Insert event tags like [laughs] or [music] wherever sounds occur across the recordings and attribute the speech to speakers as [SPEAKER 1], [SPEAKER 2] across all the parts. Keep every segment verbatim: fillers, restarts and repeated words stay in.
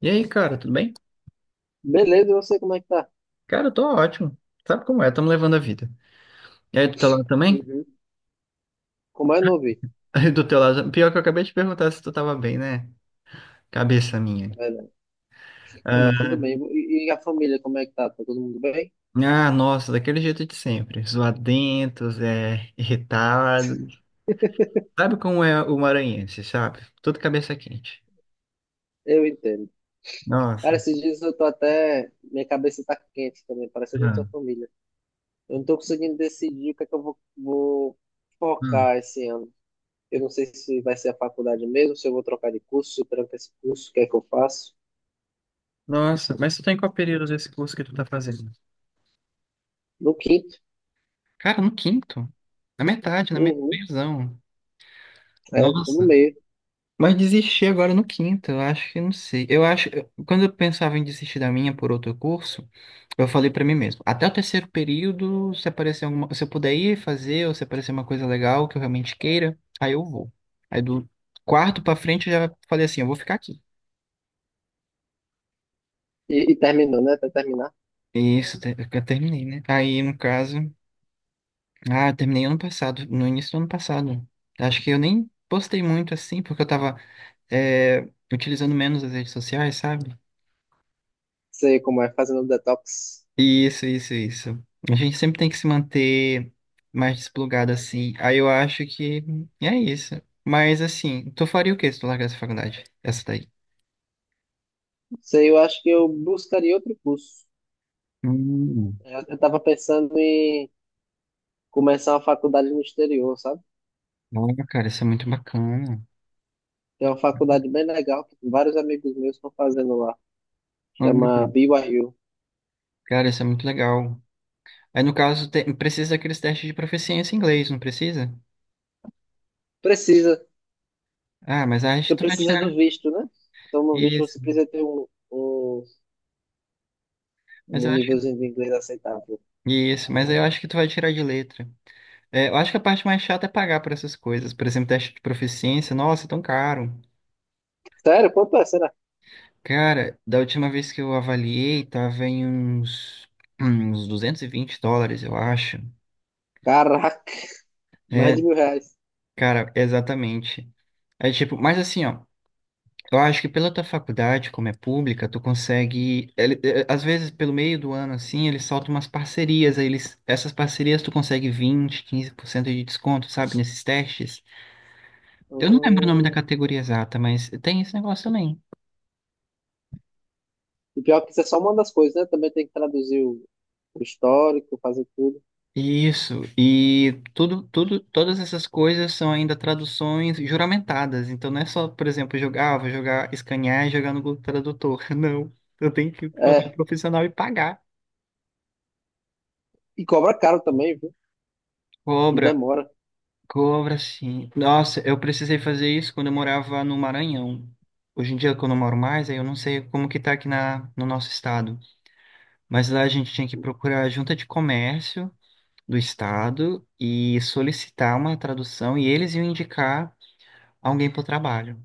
[SPEAKER 1] E aí, cara, tudo bem?
[SPEAKER 2] Beleza, eu sei como é que tá.
[SPEAKER 1] Cara, eu tô ótimo. Sabe como é? Tamo levando a vida. E aí, do teu lado também?
[SPEAKER 2] Uhum. Como é, não ouvi.
[SPEAKER 1] [laughs] Aí, do teu lado. Pior que eu acabei de perguntar se tu tava bem, né? Cabeça minha.
[SPEAKER 2] É verdade. Não, mas
[SPEAKER 1] Ah,
[SPEAKER 2] tudo bem. E, e a família, como é que tá? Tá todo mundo bem?
[SPEAKER 1] ah, nossa, daquele jeito de sempre. Zoadentos, é, irritado.
[SPEAKER 2] [laughs]
[SPEAKER 1] Sabe como é o maranhense, sabe? Tudo cabeça quente.
[SPEAKER 2] Eu entendo. Cara,
[SPEAKER 1] Nossa.
[SPEAKER 2] esses dias eu tô até. Minha cabeça tá quente também, parecendo a
[SPEAKER 1] Ah,
[SPEAKER 2] sua família. Eu não tô conseguindo decidir o que é que eu vou, vou
[SPEAKER 1] hum.
[SPEAKER 2] focar esse ano. Eu não sei se vai ser a faculdade mesmo, se eu vou trocar de curso, se eu tranco esse curso, o que é que eu faço?
[SPEAKER 1] Nossa, mas tu tá em qual período desse curso que tu tá fazendo?
[SPEAKER 2] No quinto.
[SPEAKER 1] Cara, no quinto. Na metade, na
[SPEAKER 2] Uhum.
[SPEAKER 1] metadezão.
[SPEAKER 2] É, tô no
[SPEAKER 1] Nossa.
[SPEAKER 2] meio.
[SPEAKER 1] Mas desisti agora no quinto, eu acho que não sei. Eu acho, eu- quando eu pensava em desistir da minha por outro curso, eu falei pra mim mesmo, até o terceiro período, se aparecer alguma, se eu puder ir fazer, ou se aparecer uma coisa legal que eu realmente queira, aí eu vou. Aí do quarto pra frente eu já falei assim, eu vou ficar aqui.
[SPEAKER 2] E, e terminou, né? Até terminar.
[SPEAKER 1] E isso, te- eu terminei, né? Aí, no caso, ah, eu terminei ano passado, no início do ano passado. Acho que eu nem postei muito assim, porque eu tava, é, utilizando menos as redes sociais, sabe?
[SPEAKER 2] Sei como é, fazendo detox.
[SPEAKER 1] Isso, isso, isso. A gente sempre tem que se manter mais desplugado assim. Aí eu acho que é isso. Mas assim, tu faria o quê se tu largasse a faculdade? Essa daí.
[SPEAKER 2] Sei, eu acho que eu buscaria outro curso.
[SPEAKER 1] Hum,
[SPEAKER 2] Eu, eu tava pensando em começar uma faculdade no exterior, sabe?
[SPEAKER 1] olha, cara, isso é muito bacana.
[SPEAKER 2] Tem uma faculdade bem legal que vários amigos meus estão fazendo lá.
[SPEAKER 1] Hum,
[SPEAKER 2] Chama B Y U.
[SPEAKER 1] cara, isso é muito legal. Aí no caso, tem- precisa daqueles testes de proficiência em inglês, não precisa?
[SPEAKER 2] Precisa,
[SPEAKER 1] Ah, mas acho que
[SPEAKER 2] porque
[SPEAKER 1] tu vai
[SPEAKER 2] precisa
[SPEAKER 1] tirar
[SPEAKER 2] do visto, né? Então no visto você
[SPEAKER 1] isso.
[SPEAKER 2] precisa ter um, um,
[SPEAKER 1] Mas eu
[SPEAKER 2] um
[SPEAKER 1] acho que tu...
[SPEAKER 2] nívelzinho de inglês aceitável.
[SPEAKER 1] Isso, mas eu acho que tu vai tirar de letra. É, eu acho que a parte mais chata é pagar por essas coisas. Por exemplo, teste de proficiência, nossa, é tão caro.
[SPEAKER 2] Sério, quanto é? Será?
[SPEAKER 1] Cara, da última vez que eu avaliei, tava em uns, uns duzentos e vinte dólares, eu acho.
[SPEAKER 2] Caraca, mais de
[SPEAKER 1] É,
[SPEAKER 2] mil reais.
[SPEAKER 1] cara, exatamente. É tipo, mas assim, ó, eu acho que pela tua faculdade, como é pública, tu consegue. Ele- é, às vezes, pelo meio do ano, assim, eles soltam umas parcerias, aí eles, essas parcerias tu consegue vinte, quinze por cento de desconto, sabe, nesses testes. Eu não lembro o nome da
[SPEAKER 2] Hum.
[SPEAKER 1] categoria exata, mas tem esse negócio também.
[SPEAKER 2] E pior que isso é só uma das coisas, né? Também tem que traduzir o o histórico, fazer tudo.
[SPEAKER 1] Isso, e tudo, tudo, todas essas coisas são ainda traduções juramentadas, então não é só, por exemplo, jogar, ah, vou jogar, escanear e jogar no Google Tradutor, [laughs] não, eu tenho que encontrar um
[SPEAKER 2] É,
[SPEAKER 1] profissional e pagar.
[SPEAKER 2] e cobra caro também, viu? E
[SPEAKER 1] Cobra,
[SPEAKER 2] demora.
[SPEAKER 1] cobra sim. Nossa, eu precisei fazer isso quando eu morava no Maranhão. Hoje em dia, quando eu moro mais, aí eu não sei como que tá aqui na, no nosso estado, mas lá a gente tinha que procurar a junta de comércio do estado e solicitar uma tradução e eles iam indicar alguém pro trabalho,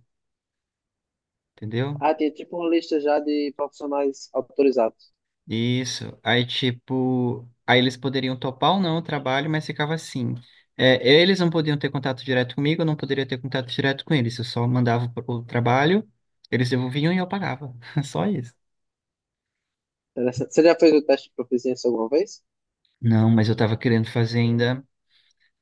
[SPEAKER 1] entendeu?
[SPEAKER 2] Ah, tem tipo uma lista já de profissionais autorizados.
[SPEAKER 1] Isso. Aí, tipo, aí eles poderiam topar ou não o trabalho, mas ficava assim. É, eles não podiam ter contato direto comigo, eu não poderia ter contato direto com eles. Eu só mandava o o trabalho, eles devolviam e eu pagava. [laughs] Só isso.
[SPEAKER 2] Interessante. Você já fez o teste de proficiência alguma vez?
[SPEAKER 1] Não, mas eu tava querendo fazer ainda,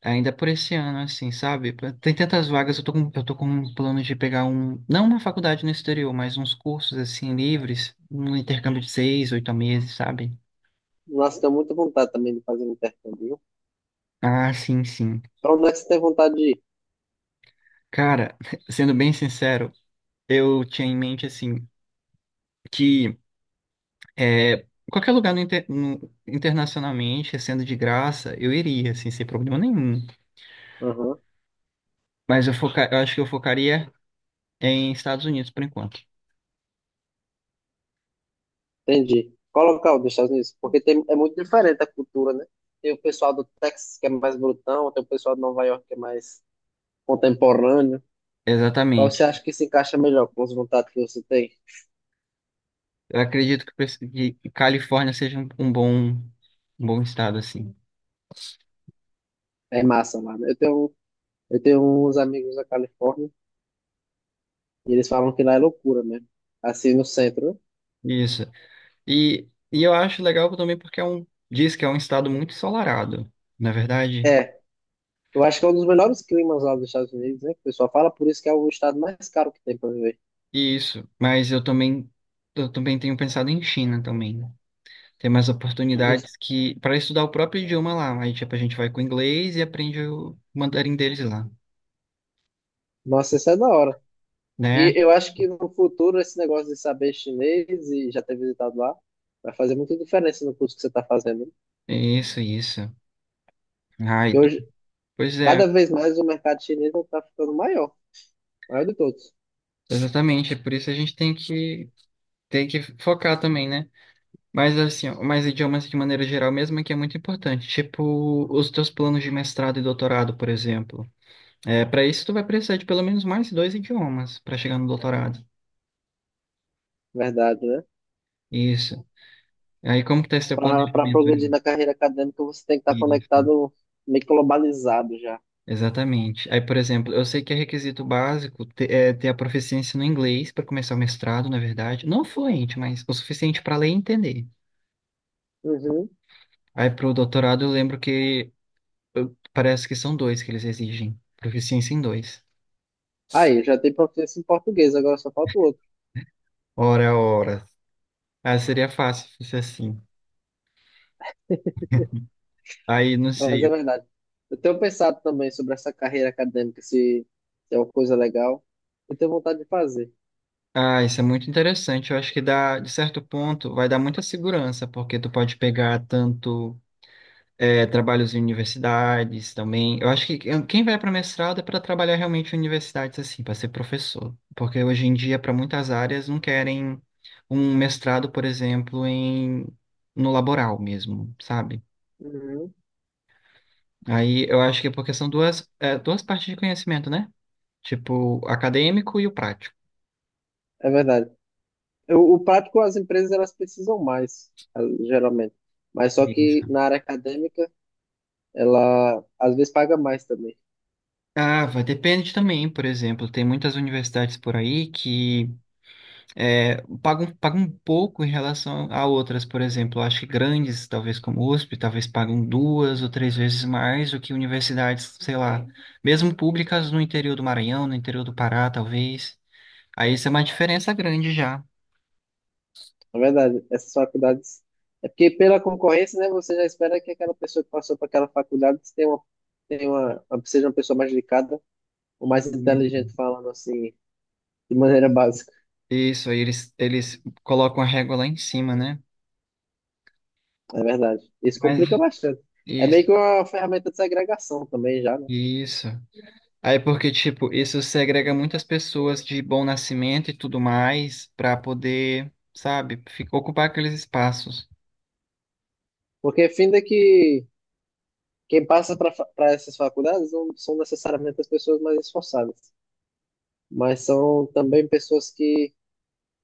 [SPEAKER 1] ainda por esse ano, assim, sabe? Tem tantas vagas, eu tô com, eu tô com um plano de pegar um, não uma faculdade no exterior, mas uns cursos, assim, livres, um intercâmbio de seis, oito meses, sabe?
[SPEAKER 2] Nossa, tenho muita vontade também de fazer um intercâmbio, viu?
[SPEAKER 1] Ah, sim, sim.
[SPEAKER 2] Pra onde é que você tem vontade de ir?
[SPEAKER 1] Cara, [laughs] sendo bem sincero, eu tinha em mente assim que é, qualquer lugar no inter- no- internacionalmente, sendo de graça, eu iria, assim, sem problema nenhum.
[SPEAKER 2] Aham,
[SPEAKER 1] Mas eu, foca, eu acho que eu focaria em Estados Unidos por enquanto.
[SPEAKER 2] entendi. Qual local dos Estados Unidos? Porque tem, é muito diferente a cultura, né? Tem o pessoal do Texas que é mais brutão, tem o pessoal de Nova York que é mais contemporâneo. Qual
[SPEAKER 1] Exatamente.
[SPEAKER 2] você acha que se encaixa melhor com as vontades que você tem?
[SPEAKER 1] Eu acredito que, preci- que Califórnia seja um, um bom, um bom estado, assim.
[SPEAKER 2] É massa, mano. Eu tenho, eu tenho uns amigos da Califórnia e eles falam que lá é loucura mesmo. Assim, no centro, né?
[SPEAKER 1] Isso. E, e eu acho legal também porque é um, diz que é um estado muito ensolarado, na verdade.
[SPEAKER 2] É, eu acho que é um dos melhores climas lá dos Estados Unidos, né? Que o pessoal fala, por isso que é o estado mais caro que tem para viver.
[SPEAKER 1] Isso, mas eu também eu também tenho pensado em China também, né? Tem mais
[SPEAKER 2] E,
[SPEAKER 1] oportunidades que para estudar o próprio idioma lá, aí tipo a gente vai com o inglês e aprende o mandarim deles lá,
[SPEAKER 2] nossa, isso é da hora. E
[SPEAKER 1] né?
[SPEAKER 2] eu acho que no futuro esse negócio de saber chinês e já ter visitado lá vai fazer muita diferença no curso que você está fazendo, né?
[SPEAKER 1] Isso, isso. Ai,
[SPEAKER 2] E
[SPEAKER 1] tu-
[SPEAKER 2] hoje,
[SPEAKER 1] Pois é,
[SPEAKER 2] cada vez mais o mercado chinês está ficando maior, maior de todos,
[SPEAKER 1] exatamente, é por isso a gente tem que tem que focar também, né? Mas assim, ó, mas idiomas de maneira geral mesmo é que é muito importante, tipo os teus planos de mestrado e doutorado, por exemplo. É, para isso tu vai precisar de pelo menos mais dois idiomas para chegar no doutorado.
[SPEAKER 2] verdade, né?
[SPEAKER 1] Isso. Aí, como que tá esse teu
[SPEAKER 2] Para
[SPEAKER 1] planejamento aí?
[SPEAKER 2] progredir na carreira acadêmica, você tem que estar
[SPEAKER 1] Isso,
[SPEAKER 2] conectado, meio que globalizado já.
[SPEAKER 1] exatamente. Aí, por exemplo, eu sei que é requisito básico ter, é, ter a proficiência no inglês para começar o mestrado, na verdade. Não fluente, mas o suficiente para ler e entender.
[SPEAKER 2] Uhum.
[SPEAKER 1] Aí, para o doutorado, eu lembro que eu- parece que são dois que eles exigem. Proficiência em dois.
[SPEAKER 2] Aí, já tem proficiência em português, agora só falta o outro.
[SPEAKER 1] Ora, ora. Ah, seria fácil se fosse assim. Aí, não
[SPEAKER 2] Mas
[SPEAKER 1] sei,
[SPEAKER 2] é
[SPEAKER 1] eu-
[SPEAKER 2] verdade. Eu tenho pensado também sobre essa carreira acadêmica, se, se é uma coisa legal. Eu tenho vontade de fazer.
[SPEAKER 1] ah, isso é muito interessante. Eu acho que dá, de certo ponto, vai dar muita segurança, porque tu pode pegar tanto. É, trabalhos em universidades também. Eu acho que quem quem vai para mestrado é para trabalhar realmente em universidades, assim, para ser professor. Porque hoje em dia, para muitas áreas, não querem um mestrado, por exemplo, em, no laboral mesmo, sabe?
[SPEAKER 2] Uhum.
[SPEAKER 1] Aí eu acho que é porque são duas, é, duas partes de conhecimento, né? Tipo, o acadêmico e o prático.
[SPEAKER 2] É verdade. O, o prático, as empresas, elas precisam mais, ah, geralmente. Mas só que
[SPEAKER 1] Isso.
[SPEAKER 2] na área acadêmica, ela às vezes paga mais também.
[SPEAKER 1] Ah, vai, depende também, por exemplo, tem muitas universidades por aí que é, pagam, pagam pouco em relação a outras. Por exemplo, eu acho que grandes, talvez como USP, talvez pagam duas ou três vezes mais do que universidades, sei lá, mesmo públicas no interior do Maranhão, no interior do Pará, talvez. Aí isso é uma diferença grande já.
[SPEAKER 2] É verdade. Essas faculdades... É porque pela concorrência, né, você já espera que aquela pessoa que passou para aquela faculdade tenha uma, tenha uma, seja uma pessoa mais dedicada ou mais
[SPEAKER 1] E-
[SPEAKER 2] inteligente, falando assim, de maneira básica.
[SPEAKER 1] Isso, aí eles, eles colocam a régua lá em cima, né?
[SPEAKER 2] É verdade. Isso
[SPEAKER 1] Mas
[SPEAKER 2] complica bastante. É meio
[SPEAKER 1] isso,
[SPEAKER 2] que uma ferramenta de segregação também já, né?
[SPEAKER 1] isso. Aí porque, tipo, isso segrega muitas pessoas de bom nascimento e tudo mais para poder, sabe, fi- ocupar aqueles espaços.
[SPEAKER 2] Porque fim de que quem passa para essas faculdades não são necessariamente as pessoas mais esforçadas, mas são também pessoas que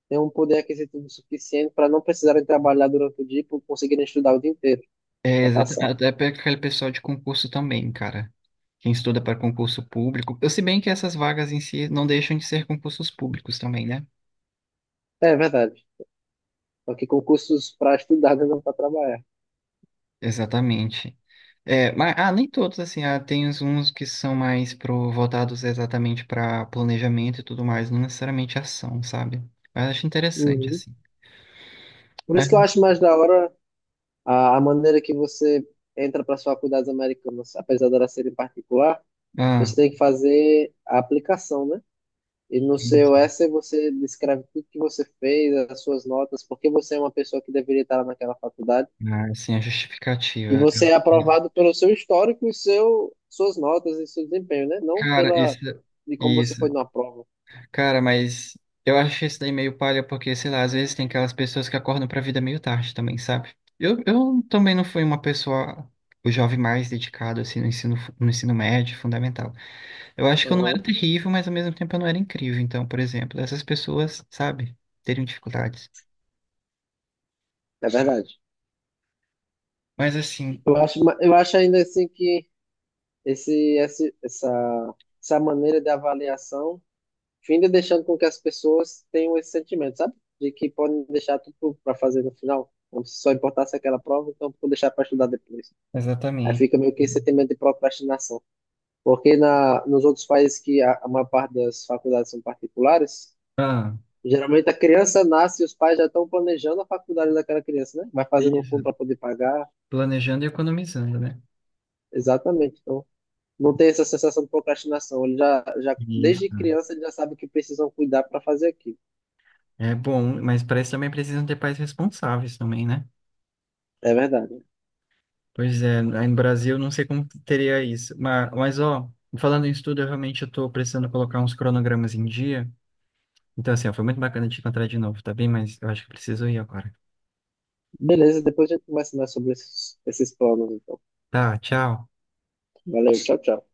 [SPEAKER 2] têm um poder aquisitivo suficiente para não precisarem trabalhar durante o dia e conseguirem estudar o dia inteiro
[SPEAKER 1] É,
[SPEAKER 2] para
[SPEAKER 1] exato,
[SPEAKER 2] passar.
[SPEAKER 1] até para aquele pessoal de concurso também, cara. Quem estuda para concurso público. Eu, se bem que essas vagas em si não deixam de ser concursos públicos também, né?
[SPEAKER 2] É verdade. Só que concursos para estudar, né, não para trabalhar.
[SPEAKER 1] Exatamente. É, mas, ah, nem todos, assim, ah, tem uns uns que são mais pro, voltados exatamente para planejamento e tudo mais, não necessariamente ação, sabe? Mas acho interessante,
[SPEAKER 2] Uhum.
[SPEAKER 1] assim.
[SPEAKER 2] Por isso que eu
[SPEAKER 1] Mas,
[SPEAKER 2] acho mais da hora a, a maneira que você entra para as faculdades americanas, apesar de elas serem particular,
[SPEAKER 1] ah,
[SPEAKER 2] você tem que fazer a aplicação, né? E no seu
[SPEAKER 1] isso,
[SPEAKER 2] essay você descreve tudo que você fez, as suas notas, porque você é uma pessoa que deveria estar naquela faculdade,
[SPEAKER 1] ah, assim, a
[SPEAKER 2] e
[SPEAKER 1] justificativa.
[SPEAKER 2] você é aprovado pelo seu histórico e seu, suas notas e seu desempenho, né? Não
[SPEAKER 1] Cara,
[SPEAKER 2] pela
[SPEAKER 1] isso,
[SPEAKER 2] de como você foi
[SPEAKER 1] isso.
[SPEAKER 2] numa prova.
[SPEAKER 1] Cara, mas eu acho isso daí meio palha, porque, sei lá, às vezes tem aquelas pessoas que acordam pra vida meio tarde também, sabe? Eu, eu também não fui uma pessoa, o jovem mais dedicado, assim, no ensino, fu- no ensino médio, fundamental. Eu acho que eu não
[SPEAKER 2] Aham,
[SPEAKER 1] era terrível, mas ao mesmo tempo eu não era incrível. Então, por exemplo, essas pessoas, sabe, teriam dificuldades.
[SPEAKER 2] é verdade.
[SPEAKER 1] Mas assim,
[SPEAKER 2] Eu acho, ma- eu acho ainda assim que esse, esse, essa, essa maneira de avaliação finda deixando com que as pessoas tenham esse sentimento, sabe? De que podem deixar tudo para fazer no final, como se só importasse aquela prova, então vou deixar para estudar depois. Aí
[SPEAKER 1] exatamente.
[SPEAKER 2] fica meio que esse sentimento de procrastinação. Porque na, nos outros países que a, a maior parte das faculdades são particulares,
[SPEAKER 1] Ah,
[SPEAKER 2] geralmente a criança nasce e os pais já estão planejando a faculdade daquela criança, né? Vai fazendo um fundo
[SPEAKER 1] isso.
[SPEAKER 2] para poder pagar.
[SPEAKER 1] Planejando e economizando, né?
[SPEAKER 2] Exatamente. Então, não tem essa sensação de procrastinação. Ele já, já, desde
[SPEAKER 1] Isso.
[SPEAKER 2] criança, ele já sabe que precisam cuidar para fazer aquilo.
[SPEAKER 1] É bom, mas para isso também precisam ter pais responsáveis também, né?
[SPEAKER 2] É verdade.
[SPEAKER 1] Pois é, aí no Brasil não sei como teria isso. Mas, mas ó, falando em estudo, eu realmente estou precisando colocar uns cronogramas em dia. Então, assim, ó, foi muito bacana te encontrar de novo, tá bem? Mas eu acho que preciso ir agora.
[SPEAKER 2] Beleza, depois a gente conversa mais sobre esses, esses planos, então.
[SPEAKER 1] Tá, tchau.
[SPEAKER 2] Valeu, tchau, tchau.